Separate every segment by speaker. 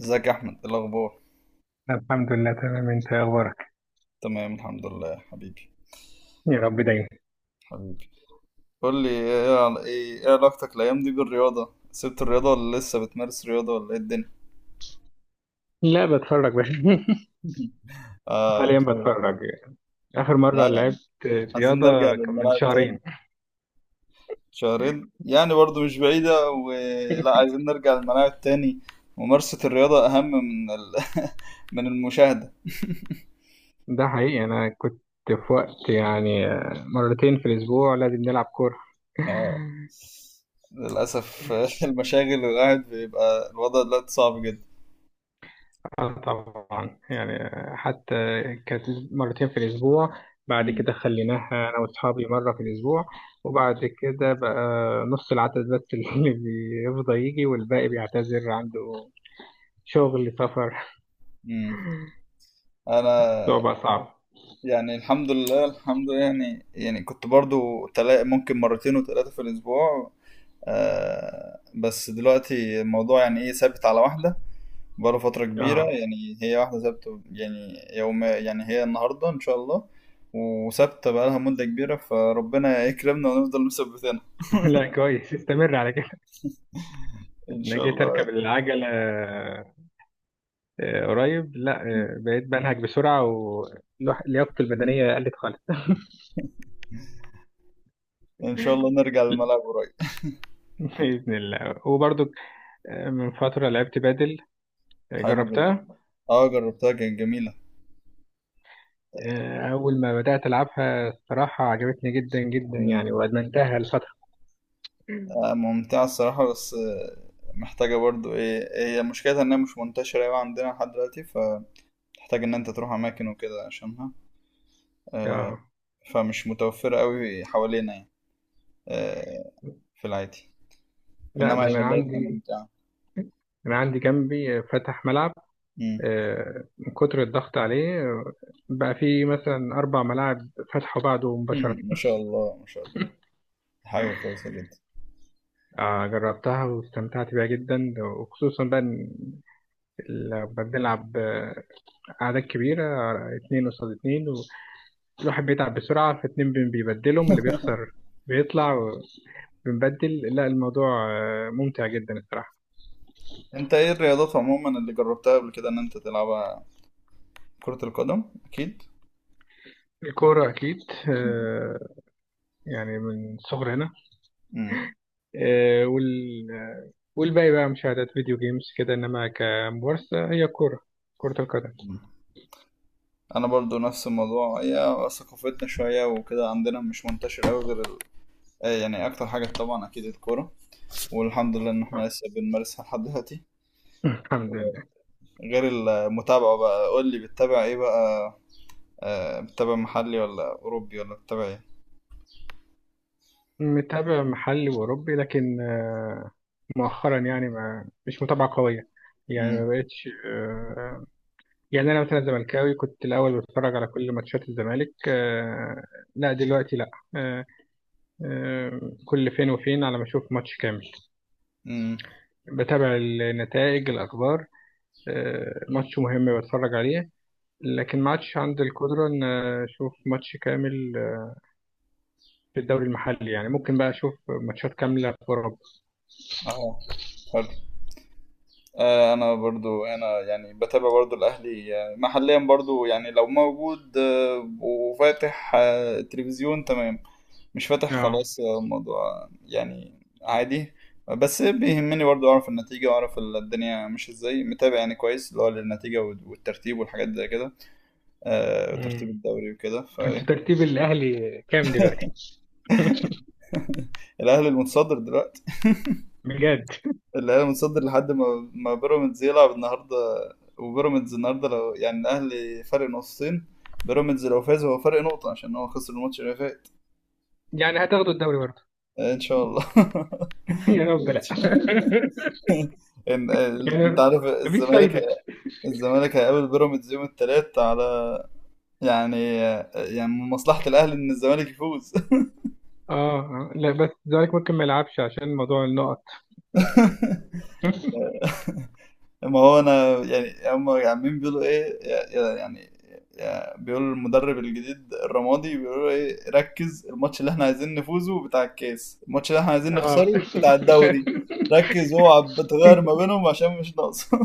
Speaker 1: ازيك يا احمد؟ إيه الاخبار؟
Speaker 2: الحمد لله، تمام. انت ايه اخبارك؟
Speaker 1: تمام الحمد لله حبيبي.
Speaker 2: يا رب دايما.
Speaker 1: حبيبي، قول لي ايه عل- ايه إيه علاقتك الايام دي بالرياضه؟ سبت الرياضه ولا لسه بتمارس رياضه ولا ايه الدنيا؟
Speaker 2: لا، بتفرج بس.
Speaker 1: اه
Speaker 2: حاليا
Speaker 1: شهر.
Speaker 2: بتفرج. اخر مره
Speaker 1: لا يا عم،
Speaker 2: لعبت
Speaker 1: عايزين نرجع
Speaker 2: رياضه كان من
Speaker 1: للملاعب تاني.
Speaker 2: شهرين.
Speaker 1: شهرين يعني برضو مش بعيده، ولا عايزين نرجع للملاعب تاني؟ ممارسه الرياضه اهم من من المشاهده.
Speaker 2: ده حقيقي، انا كنت في وقت يعني مرتين في الاسبوع لازم نلعب كوره.
Speaker 1: اه، للاسف المشاغل والقعد بيبقى الوضع دلوقتي صعب جدا.
Speaker 2: اه، طبعا يعني. حتى كانت مرتين في الأسبوع. بعد
Speaker 1: مم.
Speaker 2: كده خليناها أنا وأصحابي مرة في الأسبوع. وبعد كده بقى نص العدد بس اللي بيفضى يجي، والباقي بيعتذر عنده شغل سفر.
Speaker 1: مم. انا
Speaker 2: صعبة، صعبة.
Speaker 1: يعني الحمد لله، يعني كنت برضو ممكن مرتين وثلاثة في الأسبوع. آه بس دلوقتي الموضوع يعني إيه، ثابت على واحدة، بقاله فترة كبيرة.
Speaker 2: اه.
Speaker 1: يعني هي واحدة ثابتة، يعني يوم، يعني هي النهاردة إن شاء الله، وثابتة بقالها مدة كبيرة، فربنا يكرمنا ونفضل مثبتينها.
Speaker 2: لا، كويس، استمر على كده.
Speaker 1: إن
Speaker 2: انا
Speaker 1: شاء
Speaker 2: جيت
Speaker 1: الله،
Speaker 2: اركب العجلة، قريب، لا، بقيت بنهج بسرعة ولياقتي البدنية قلت خالص.
Speaker 1: إن شاء الله نرجع للملعب قريب.
Speaker 2: بإذن الله. وبرضو من فترة لعبت بادل.
Speaker 1: حلو جدا.
Speaker 2: جربتها.
Speaker 1: أه جربتها، كانت جميلة.
Speaker 2: أول ما بدأت ألعبها، الصراحة عجبتني جدا جدا يعني، وأدمنتها لفترة.
Speaker 1: ممتعة الصراحة، بس محتاجة برضو ايه، هي مشكلتها انها مش منتشرة اوي عندنا لحد دلوقتي، فتحتاج ان انت تروح اماكن وكده عشانها. آه،
Speaker 2: آه.
Speaker 1: فمش متوفرة اوي حوالينا يعني، آه، في العادي،
Speaker 2: لا،
Speaker 1: انما
Speaker 2: ده
Speaker 1: هي
Speaker 2: أنا
Speaker 1: لقيتها
Speaker 2: عندي
Speaker 1: ممتعة.
Speaker 2: أنا عندي جنبي فتح ملعب.
Speaker 1: مم.
Speaker 2: من كتر الضغط عليه، بقى في مثلا 4 ملاعب فتحوا بعده مباشرة.
Speaker 1: ما شاء الله، ما شاء الله، حاجة كويسة جدا.
Speaker 2: جربتها واستمتعت بيها جدا، وخصوصا بقى إن لما بنلعب أعداد كبيرة، اتنين قصاد اتنين، والواحد بيتعب بسرعة، فاتنين بيبدلهم اللي بيخسر، بيطلع. بنبدل، لا، الموضوع ممتع جدا الصراحة.
Speaker 1: انت ايه الرياضات عموما اللي جربتها قبل كده ان انت تلعبها؟ كرة القدم اكيد.
Speaker 2: الكورة أكيد،
Speaker 1: مم.
Speaker 2: آه، يعني من صغرنا. والباقي بقى مشاهدات فيديو جيمز كده، إنما كممارسة هي كرة القدم.
Speaker 1: مم. انا برضو نفس الموضوع، هي ثقافتنا شوية وكده، عندنا مش منتشر اوي غير يعني اكتر حاجه طبعا اكيد الكوره، والحمد لله ان احنا
Speaker 2: آه.
Speaker 1: لسه بنمارسها لحد دلوقتي.
Speaker 2: الحمد لله.
Speaker 1: غير المتابعه بقى، قول لي بتتابع ايه بقى؟ بتتابع محلي ولا اوروبي ولا بتتابع ايه؟
Speaker 2: متابع محلي وأوروبي، لكن مؤخرا يعني ما مش متابعة قوية. يعني
Speaker 1: امم
Speaker 2: ما بقتش. يعني أنا مثلا زملكاوي، كنت الأول بتفرج على كل ماتشات الزمالك. لا دلوقتي لا. كل فين وفين على ما أشوف ماتش كامل.
Speaker 1: امم
Speaker 2: بتابع النتائج، الأخبار. ماتش مهم بتفرج عليه، لكن ما عادش عندي القدرة إن أشوف ماتش كامل في الدوري المحلي. يعني ممكن بقى أشوف ماتشات كاملة في أوروبا.
Speaker 1: اه انا برضو، انا يعني بتابع برضو الاهلي، محليا برضو، يعني لو موجود وفاتح التلفزيون تمام، مش فاتح
Speaker 2: آه
Speaker 1: خلاص الموضوع يعني عادي. بس بيهمني برضو اعرف النتيجة واعرف الدنيا، مش ازاي، متابع يعني كويس اللي هو للنتيجة والترتيب والحاجات زي كده، وترتيب
Speaker 2: أمم.
Speaker 1: الدوري وكده.
Speaker 2: أنت
Speaker 1: فالاهلي
Speaker 2: ترتيب الأهلي كام دلوقتي؟
Speaker 1: المتصدر دلوقتي.
Speaker 2: بجد؟
Speaker 1: الاهلي متصدر لحد ما بيراميدز يلعب النهارده. وبيراميدز النهارده، لو يعني الاهلي فرق نقطتين، بيراميدز لو فاز هو فرق نقطة، عشان هو خسر الماتش اللي فات.
Speaker 2: يعني هتاخدوا الدوري برضه؟
Speaker 1: ان شاء الله.
Speaker 2: يا رب،
Speaker 1: إن
Speaker 2: لا.
Speaker 1: شاء- إن- انت
Speaker 2: يعني
Speaker 1: عارف
Speaker 2: مفيش
Speaker 1: الزمالك.
Speaker 2: فايدة.
Speaker 1: الزمالك هيقابل بيراميدز يوم الثلاث، على يعني يعني من مصلحة الاهلي ان الزمالك يفوز.
Speaker 2: آه، آه. لا بس الزمالك ممكن ما يلعبش عشان موضوع النقط.
Speaker 1: ما هو انا يعني، هم عمالين بيقولوا ايه، بيقولوا المدرب الجديد الرمادي بيقولوا ايه، ركز، الماتش اللي احنا عايزين نفوزه بتاع الكاس، الماتش اللي احنا عايزين
Speaker 2: آه.
Speaker 1: نخسره بتاع الدوري، ركز، اوعى بتغير ما بينهم عشان مش ناقصه.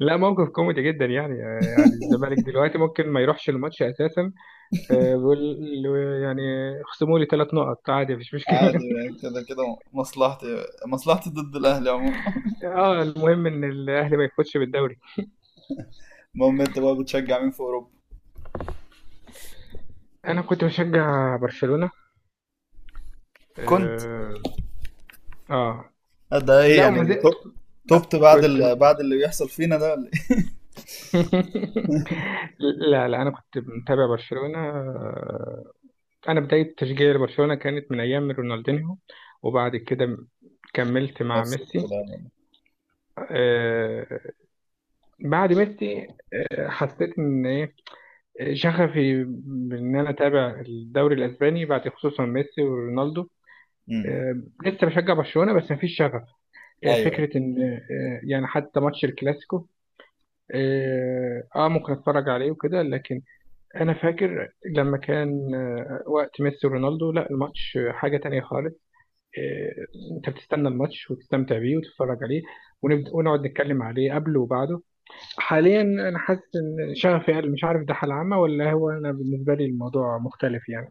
Speaker 2: لا، موقف كوميدي جدا يعني. يعني الزمالك دلوقتي ممكن ما يروحش الماتش أساسا. بيقول له، يعني، خصموا لي 3 نقط، عادي، مفيش
Speaker 1: عادي،
Speaker 2: مشكلة.
Speaker 1: يعني كده كده مصلحتي ضد الاهلي عموما.
Speaker 2: اه، المهم ان الاهلي ما يفوتش بالدوري.
Speaker 1: المهم، انت بقى بتشجع مين في اوروبا؟
Speaker 2: انا كنت بشجع برشلونة.
Speaker 1: كنت.
Speaker 2: اه, آه.
Speaker 1: ده ايه
Speaker 2: لا، وما
Speaker 1: يعني
Speaker 2: زلت.
Speaker 1: توب-
Speaker 2: لا،
Speaker 1: توبت بعد
Speaker 2: كنت.
Speaker 1: بعد اللي بيحصل فينا ده، ولا ايه؟
Speaker 2: لا، لا، انا كنت متابع برشلونة. انا بداية تشجيعي لبرشلونة كانت من ايام رونالدينيو، وبعد كده كملت مع
Speaker 1: نفس
Speaker 2: ميسي.
Speaker 1: الكلام.
Speaker 2: آه، بعد ميسي حسيت ان شغفي بان انا اتابع الدوري الاسباني بعد، خصوصا ميسي ورونالدو.
Speaker 1: أمم.
Speaker 2: لسه بشجع برشلونه، بس مفيش شغف.
Speaker 1: ايوه.
Speaker 2: فكره ان يعني حتى ماتش الكلاسيكو، ممكن اتفرج عليه وكده، لكن انا فاكر لما كان وقت ميسي ورونالدو، لا، الماتش حاجه تانية خالص. آه، انت بتستنى الماتش وتستمتع بيه وتتفرج عليه، ونبدأ ونقعد نتكلم عليه قبله وبعده. حاليا انا حاسس ان شغفي قل. مش عارف ده حالة عامة، ولا هو انا بالنسبة لي الموضوع مختلف يعني.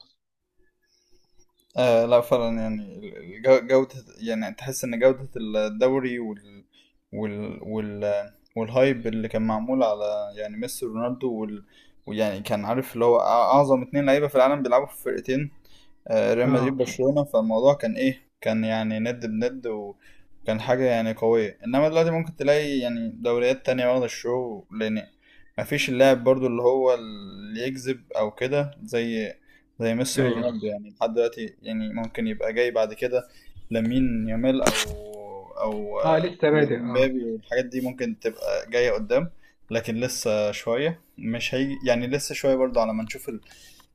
Speaker 1: آه لا فعلا يعني، جودة، يعني تحس إن جودة الدوري وال وال وال والهايب اللي كان معمول على يعني ميسي ورونالدو ويعني كان عارف اللي هو أعظم اتنين لعيبة في العالم بيلعبوا في فرقتين، ريال
Speaker 2: اه.
Speaker 1: مدريد، برشلونة. فالموضوع كان ايه، كان يعني ند بند، وكان حاجة يعني قوية. انما دلوقتي ممكن تلاقي يعني دوريات تانية واخدة الشو، لان مفيش اللاعب برضو اللي هو اللي يجذب او كده زي زي ميسي
Speaker 2: ايوه.
Speaker 1: ورونالدو. يعني لحد دلوقتي يعني، ممكن يبقى جاي بعد كده لامين يامال او او
Speaker 2: اه، لسه بادئ. اه.
Speaker 1: ومبابي والحاجات دي، ممكن تبقى جاية قدام. لكن لسه شوية، مش هيجي يعني، لسه شوية برضو على ما نشوف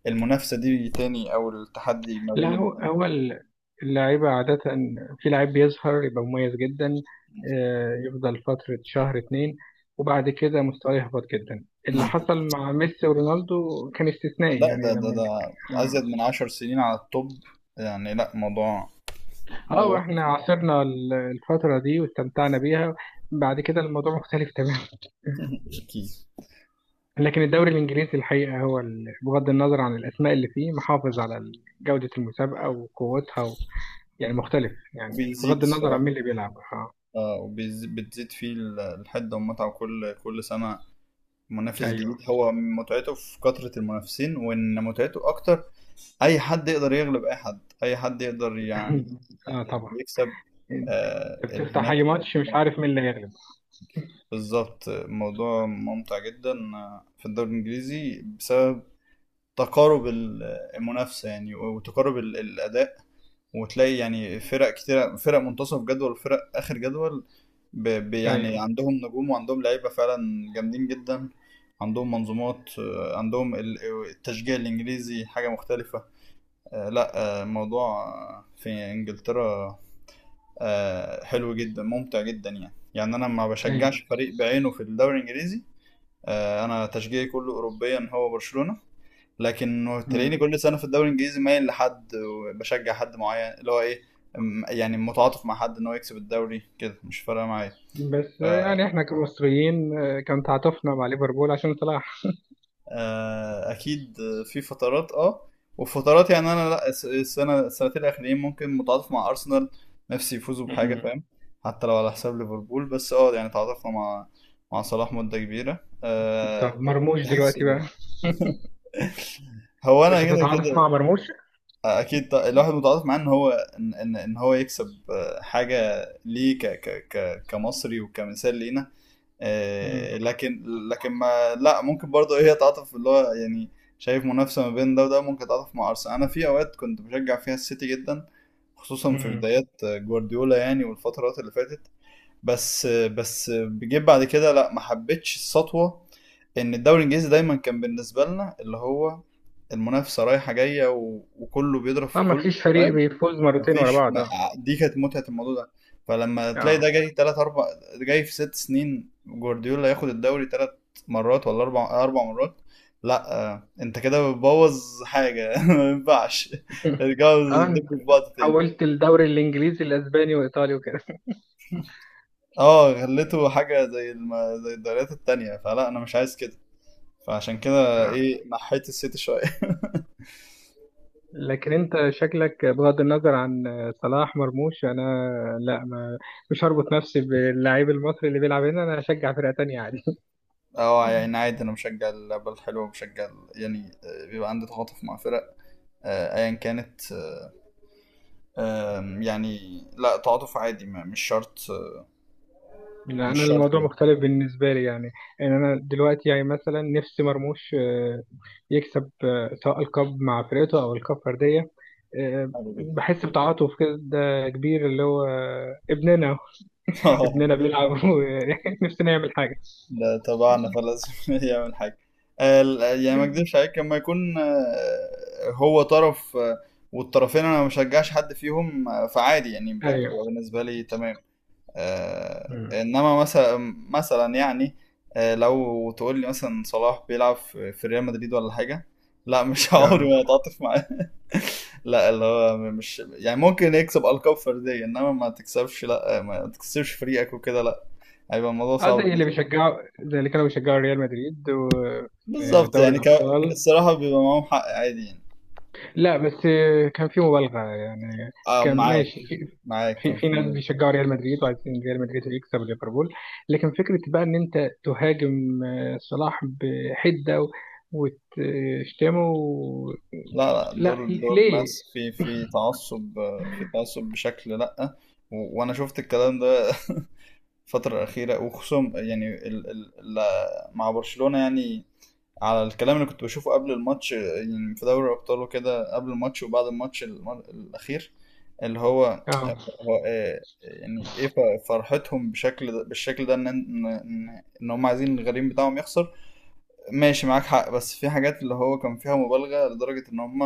Speaker 1: المنافسة دي تاني، أو التحدي ما
Speaker 2: لا،
Speaker 1: بين
Speaker 2: هو
Speaker 1: الاتنين.
Speaker 2: هو اللعيبة عادة في لعيب بيظهر يبقى مميز جدا، يفضل فترة شهر اتنين، وبعد كده مستواه يهبط جدا. اللي
Speaker 1: مم.
Speaker 2: حصل مع ميسي ورونالدو كان استثنائي
Speaker 1: لا ده
Speaker 2: يعني،
Speaker 1: ده
Speaker 2: لما.
Speaker 1: ده
Speaker 2: اه
Speaker 1: أزيد من 10 سنين على التوب. يعني لا، موضوع موضوع
Speaker 2: واحنا عاصرنا الفترة دي واستمتعنا بيها. بعد كده الموضوع مختلف تماما.
Speaker 1: أكيد.
Speaker 2: لكن الدوري الإنجليزي الحقيقة هو بغض النظر عن الأسماء اللي فيه، محافظ على جودة المسابقة وقوتها، يعني مختلف، يعني
Speaker 1: وبيزيد
Speaker 2: بغض النظر عن
Speaker 1: الصراحة،
Speaker 2: مين اللي بيلعب. اه.
Speaker 1: آه، وبتزيد فيه الحدة والمتعة، وكل كل سنة منافس جديد.
Speaker 2: أيوه.
Speaker 1: هو متعته في كثرة المنافسين، وإن متعته أكتر، أي حد يقدر يغلب أي حد، أي حد يقدر يعني،
Speaker 2: اه،
Speaker 1: يعني
Speaker 2: طبعا.
Speaker 1: يكسب،
Speaker 2: أنت
Speaker 1: آه اللي
Speaker 2: بتفتح
Speaker 1: هناك.
Speaker 2: أي ماتش، مش عارف مين اللي هيغلب.
Speaker 1: بالظبط، الموضوع ممتع جدا في الدوري الانجليزي، بسبب تقارب المنافسه يعني، وتقارب الاداء. وتلاقي يعني فرق كتير، فرق منتصف جدول وفرق اخر جدول، يعني
Speaker 2: أيوه.
Speaker 1: عندهم نجوم، وعندهم لعيبه فعلا جامدين جدا. عندهم منظومات، عندهم التشجيع الانجليزي حاجه مختلفه. لا الموضوع في انجلترا حلو جدا، ممتع جدا يعني. يعني انا ما
Speaker 2: أيوه.
Speaker 1: بشجعش فريق بعينه في الدوري الانجليزي. انا تشجيعي كله اوروبيا هو برشلونه. لكن تلاقيني
Speaker 2: مم.
Speaker 1: كل سنه في الدوري الانجليزي مايل لحد، وبشجع حد معين اللي هو ايه، يعني متعاطف مع حد ان هو يكسب الدوري، كده مش فارقه معايا.
Speaker 2: بس
Speaker 1: ف
Speaker 2: يعني إحنا كمصريين، كان تعاطفنا مع ليفربول عشان صلاح.
Speaker 1: اكيد في فترات. اه وفترات يعني، انا لا السنه السنتين الاخرين ممكن متعاطف مع ارسنال، نفسي يفوزوا بحاجه
Speaker 2: مم.
Speaker 1: فاهم. حتى لو على حساب ليفربول، بس اه يعني تعاطفنا مع مع صلاح مده كبيره أه.
Speaker 2: طب مرموش
Speaker 1: تحس
Speaker 2: دلوقتي بقى؟
Speaker 1: ب- هو انا
Speaker 2: مش
Speaker 1: كده
Speaker 2: هتتعاطف
Speaker 1: كده
Speaker 2: مع مرموش؟
Speaker 1: اكيد، الواحد متعاطف معاه ان هو، ان ان إن هو يكسب حاجه ليه ك ك ك كمصري، وكمثال لينا،
Speaker 2: مم.
Speaker 1: لكن، لكن ما لا، ممكن برضه هي تعاطف اللي هو يعني، شايف منافسه ما بين ده وده، ممكن تعاطف مع ارسنال. انا في اوقات كنت بشجع فيها السيتي جدا، خصوصا في
Speaker 2: مم.
Speaker 1: بدايات جوارديولا يعني، والفترات اللي فاتت. بس جيت بعد كده لا، ما حبيتش السطوه. ان الدوري الانجليزي دايما كان بالنسبه لنا اللي هو المنافسه رايحه جايه وكله بيضرب
Speaker 2: اه،
Speaker 1: في
Speaker 2: ما
Speaker 1: كله
Speaker 2: فيش فريق
Speaker 1: فاهم.
Speaker 2: بيفوز مرتين ورا
Speaker 1: مفيش
Speaker 2: بعض.
Speaker 1: ما...
Speaker 2: اه.
Speaker 1: دي كانت متعه الموضوع ده. فلما تلاقي ده
Speaker 2: آه.
Speaker 1: جاي تلات اربع، جاي في 6 سنين جوارديولا ياخد الدوري تلات مرات ولا اربع، اربع مرات، لا انت كده بتبوظ حاجه ما ينفعش، ارجعوا
Speaker 2: اه، انت
Speaker 1: دبوا في بعض تاني.
Speaker 2: حولت الدوري الانجليزي الاسباني وايطالي وكده.
Speaker 1: اه غليته حاجة زي زي الدوريات التانية، فلا أنا مش عايز كده، فعشان كده
Speaker 2: اه.
Speaker 1: إيه نحيت السيتي شوية.
Speaker 2: لكن انت شكلك، بغض النظر عن صلاح مرموش. انا، لا، ما، مش هربط نفسي باللاعب المصري اللي بيلعب هنا. انا هشجع فرقة تانية عادي.
Speaker 1: اه يعني عادي، أنا مشجع اللعبة الحلوة، مشجع يعني بيبقى عندي تعاطف مع فرق، أيا كانت، آه، آم، يعني لا تعاطف عادي، مش شرط،
Speaker 2: لا، انا
Speaker 1: مش شرط
Speaker 2: الموضوع
Speaker 1: يعني.
Speaker 2: مختلف بالنسبة لي يعني. ان انا دلوقتي يعني مثلا نفسي مرموش يكسب، سواء الكاب مع فرقته او الكاب فردية.
Speaker 1: حلو جدا.
Speaker 2: بحس بتعاطف كده كبير، اللي هو ابننا. ابننا بيلعب ونفسي نعمل حاجة.
Speaker 1: لا طبعا خلاص، يعمل حاجة. يعني ما اكذبش عليك، لما يكون هو طرف والطرفين انا ما بشجعش حد فيهم، فعادي يعني،
Speaker 2: ايوه.
Speaker 1: بتبقى بالنسبة لي تمام.
Speaker 2: مم.
Speaker 1: انما مثلا، مثلا يعني لو تقول لي مثلا صلاح بيلعب في ريال مدريد ولا حاجة، لا مش عمري
Speaker 2: اه.
Speaker 1: ما اتعاطف معاه. لا اللي هو مش يعني، ممكن يكسب ألقاب فردية، انما ما تكسبش، لا ما تكسبش فريقك وكده، لا، هيبقى الموضوع
Speaker 2: اه،
Speaker 1: صعب.
Speaker 2: زي اللي كانوا بيشجعوا ريال مدريد
Speaker 1: بالظبط
Speaker 2: ودوري
Speaker 1: يعني،
Speaker 2: الابطال.
Speaker 1: الصراحة بيبقى معاهم حق عادي يعني.
Speaker 2: لا، بس كان في مبالغه يعني.
Speaker 1: آه
Speaker 2: كان
Speaker 1: معاك،
Speaker 2: ماشي في،
Speaker 1: معاك كان
Speaker 2: ناس
Speaker 1: في.
Speaker 2: بيشجعوا ريال مدريد وعايزين ريال مدريد يكسب ليفربول. لكن فكره بقى ان انت تهاجم صلاح بحده، وتشتمه
Speaker 1: لا لا،
Speaker 2: لا،
Speaker 1: دول
Speaker 2: ليه؟
Speaker 1: ناس في تعصب، في تعصب بشكل لأ، وأنا شفت الكلام ده. الفترة الأخيرة، وخصوصا يعني مع برشلونة يعني، على الكلام اللي كنت بشوفه قبل الماتش يعني، في دوري الأبطال وكده، قبل الماتش وبعد الماتش الأخير اللي هو
Speaker 2: اه
Speaker 1: هو، يعني ايه، فرحتهم بشكل ده، بالشكل ده ان إن هم عايزين الغريم بتاعهم يخسر، ماشي معاك حق. بس في حاجات اللي هو كان فيها مبالغة لدرجة ان هم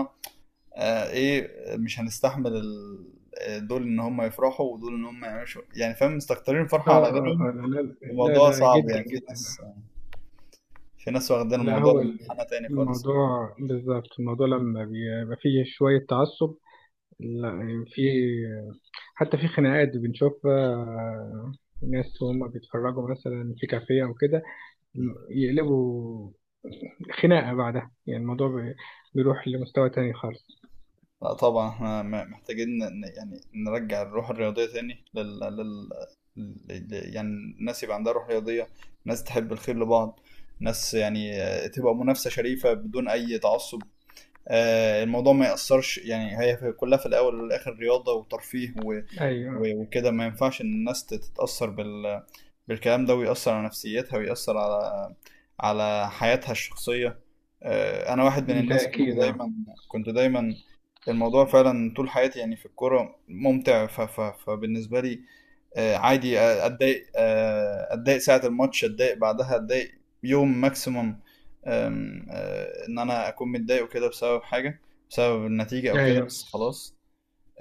Speaker 1: آه، ايه مش هنستحمل دول ان هم يفرحوا، ودول ان هم يعملوا يعني فاهم مستكترين فرحة على غيرهم.
Speaker 2: لا، لا. لا،
Speaker 1: الموضوع
Speaker 2: لا،
Speaker 1: صعب
Speaker 2: جدا،
Speaker 1: يعني، في
Speaker 2: جدا.
Speaker 1: ناس، في ناس واخدين
Speaker 2: لا،
Speaker 1: الموضوع
Speaker 2: هو
Speaker 1: لمنحنى تاني خالص.
Speaker 2: الموضوع بالظبط. الموضوع لما بيبقى فيه شوية تعصب. لا، يعني حتى في خناقات بنشوفها، ناس وهم بيتفرجوا مثلا في كافيه أو كده يقلبوا خناقة بعدها. يعني الموضوع بيروح لمستوى تاني خالص.
Speaker 1: لا طبعا احنا محتاجين يعني نرجع الروح الرياضية تاني يعني الناس يبقى عندها روح رياضية، ناس تحب الخير لبعض، ناس يعني تبقى منافسة شريفة بدون أي تعصب. الموضوع ما يأثرش يعني، هي كلها في الأول والآخر رياضة وترفيه
Speaker 2: أيوه.
Speaker 1: وكده ما ينفعش إن الناس تتأثر بالكلام ده، ويأثر على نفسيتها، ويأثر على على حياتها الشخصية. أنا واحد من
Speaker 2: ده
Speaker 1: الناس، كنت
Speaker 2: أكيد، أه.
Speaker 1: دايما، كنت دايما الموضوع فعلا طول حياتي يعني في الكورة ممتع فبالنسبة لي عادي أتضايق أتضايق ساعة الماتش، أتضايق بعدها، أتضايق يوم ماكسيموم. آم، آه، إن أنا أكون متضايق وكده بسبب حاجة، بسبب النتيجة أو كده
Speaker 2: أيوه،
Speaker 1: بس خلاص.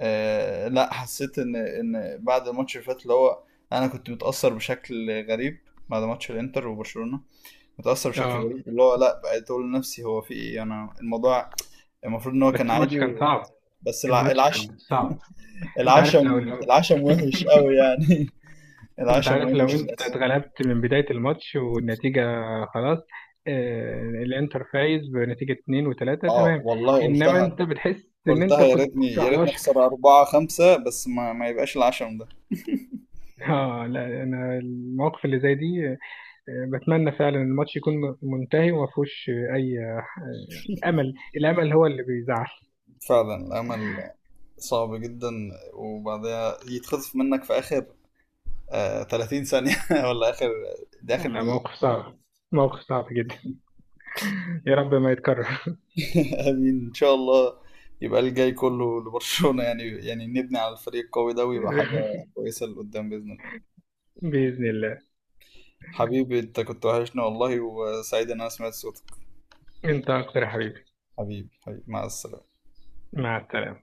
Speaker 1: آه لا، حسيت ان بعد الماتش اللي فات، اللي هو انا كنت متاثر بشكل غريب بعد ماتش الانتر وبرشلونه. متاثر بشكل
Speaker 2: أه.
Speaker 1: غريب اللي هو لا، بقيت اقول لنفسي هو في ايه، انا الموضوع المفروض ان هو
Speaker 2: بس
Speaker 1: كان
Speaker 2: الماتش
Speaker 1: عادي
Speaker 2: كان
Speaker 1: و...
Speaker 2: صعب.
Speaker 1: بس الع...
Speaker 2: الماتش
Speaker 1: العش
Speaker 2: كان صعب. أنت عارف، لو
Speaker 1: العشم،
Speaker 2: لو
Speaker 1: العشم وحش قوي يعني.
Speaker 2: انت
Speaker 1: العشم
Speaker 2: عارف لو
Speaker 1: وحش
Speaker 2: انت
Speaker 1: للاسف.
Speaker 2: اتغلبت من بداية الماتش والنتيجة خلاص، الانتر فايز بنتيجة 2-3،
Speaker 1: اه
Speaker 2: تمام.
Speaker 1: والله
Speaker 2: انما
Speaker 1: قلتها،
Speaker 2: انت بتحس ان انت
Speaker 1: قلتها يا
Speaker 2: كنت
Speaker 1: ريتني، يا
Speaker 2: على
Speaker 1: ريتني
Speaker 2: وشك.
Speaker 1: اخسر أربعة خمسة، بس ما يبقاش العشم ده.
Speaker 2: اه، لا، انا المواقف اللي زي دي بتمنى فعلا الماتش يكون منتهي وما فيهوش اي امل. الامل هو اللي بيزعل.
Speaker 1: فعلا الأمل صعب جدا، وبعدها يتخطف منك في آخر آه 30 ثانية، ولا آخر، دي آخر
Speaker 2: لا،
Speaker 1: دقيقة.
Speaker 2: موقف صعب. موقف صعب جدا. يا رب ما يتكرر.
Speaker 1: آمين إن شاء الله. يبقى الجاي كله لبرشلونة يعني، يعني نبني على الفريق القوي ده، ويبقى حاجة كويسة لقدام بإذن الله.
Speaker 2: بإذن الله.
Speaker 1: حبيبي، أنت كنت وحشنا والله، وسعيد إن أنا سمعت صوتك.
Speaker 2: انت اكتر يا حبيبي.
Speaker 1: حبيبي، حبيبي، مع السلامة.
Speaker 2: مع السلامة.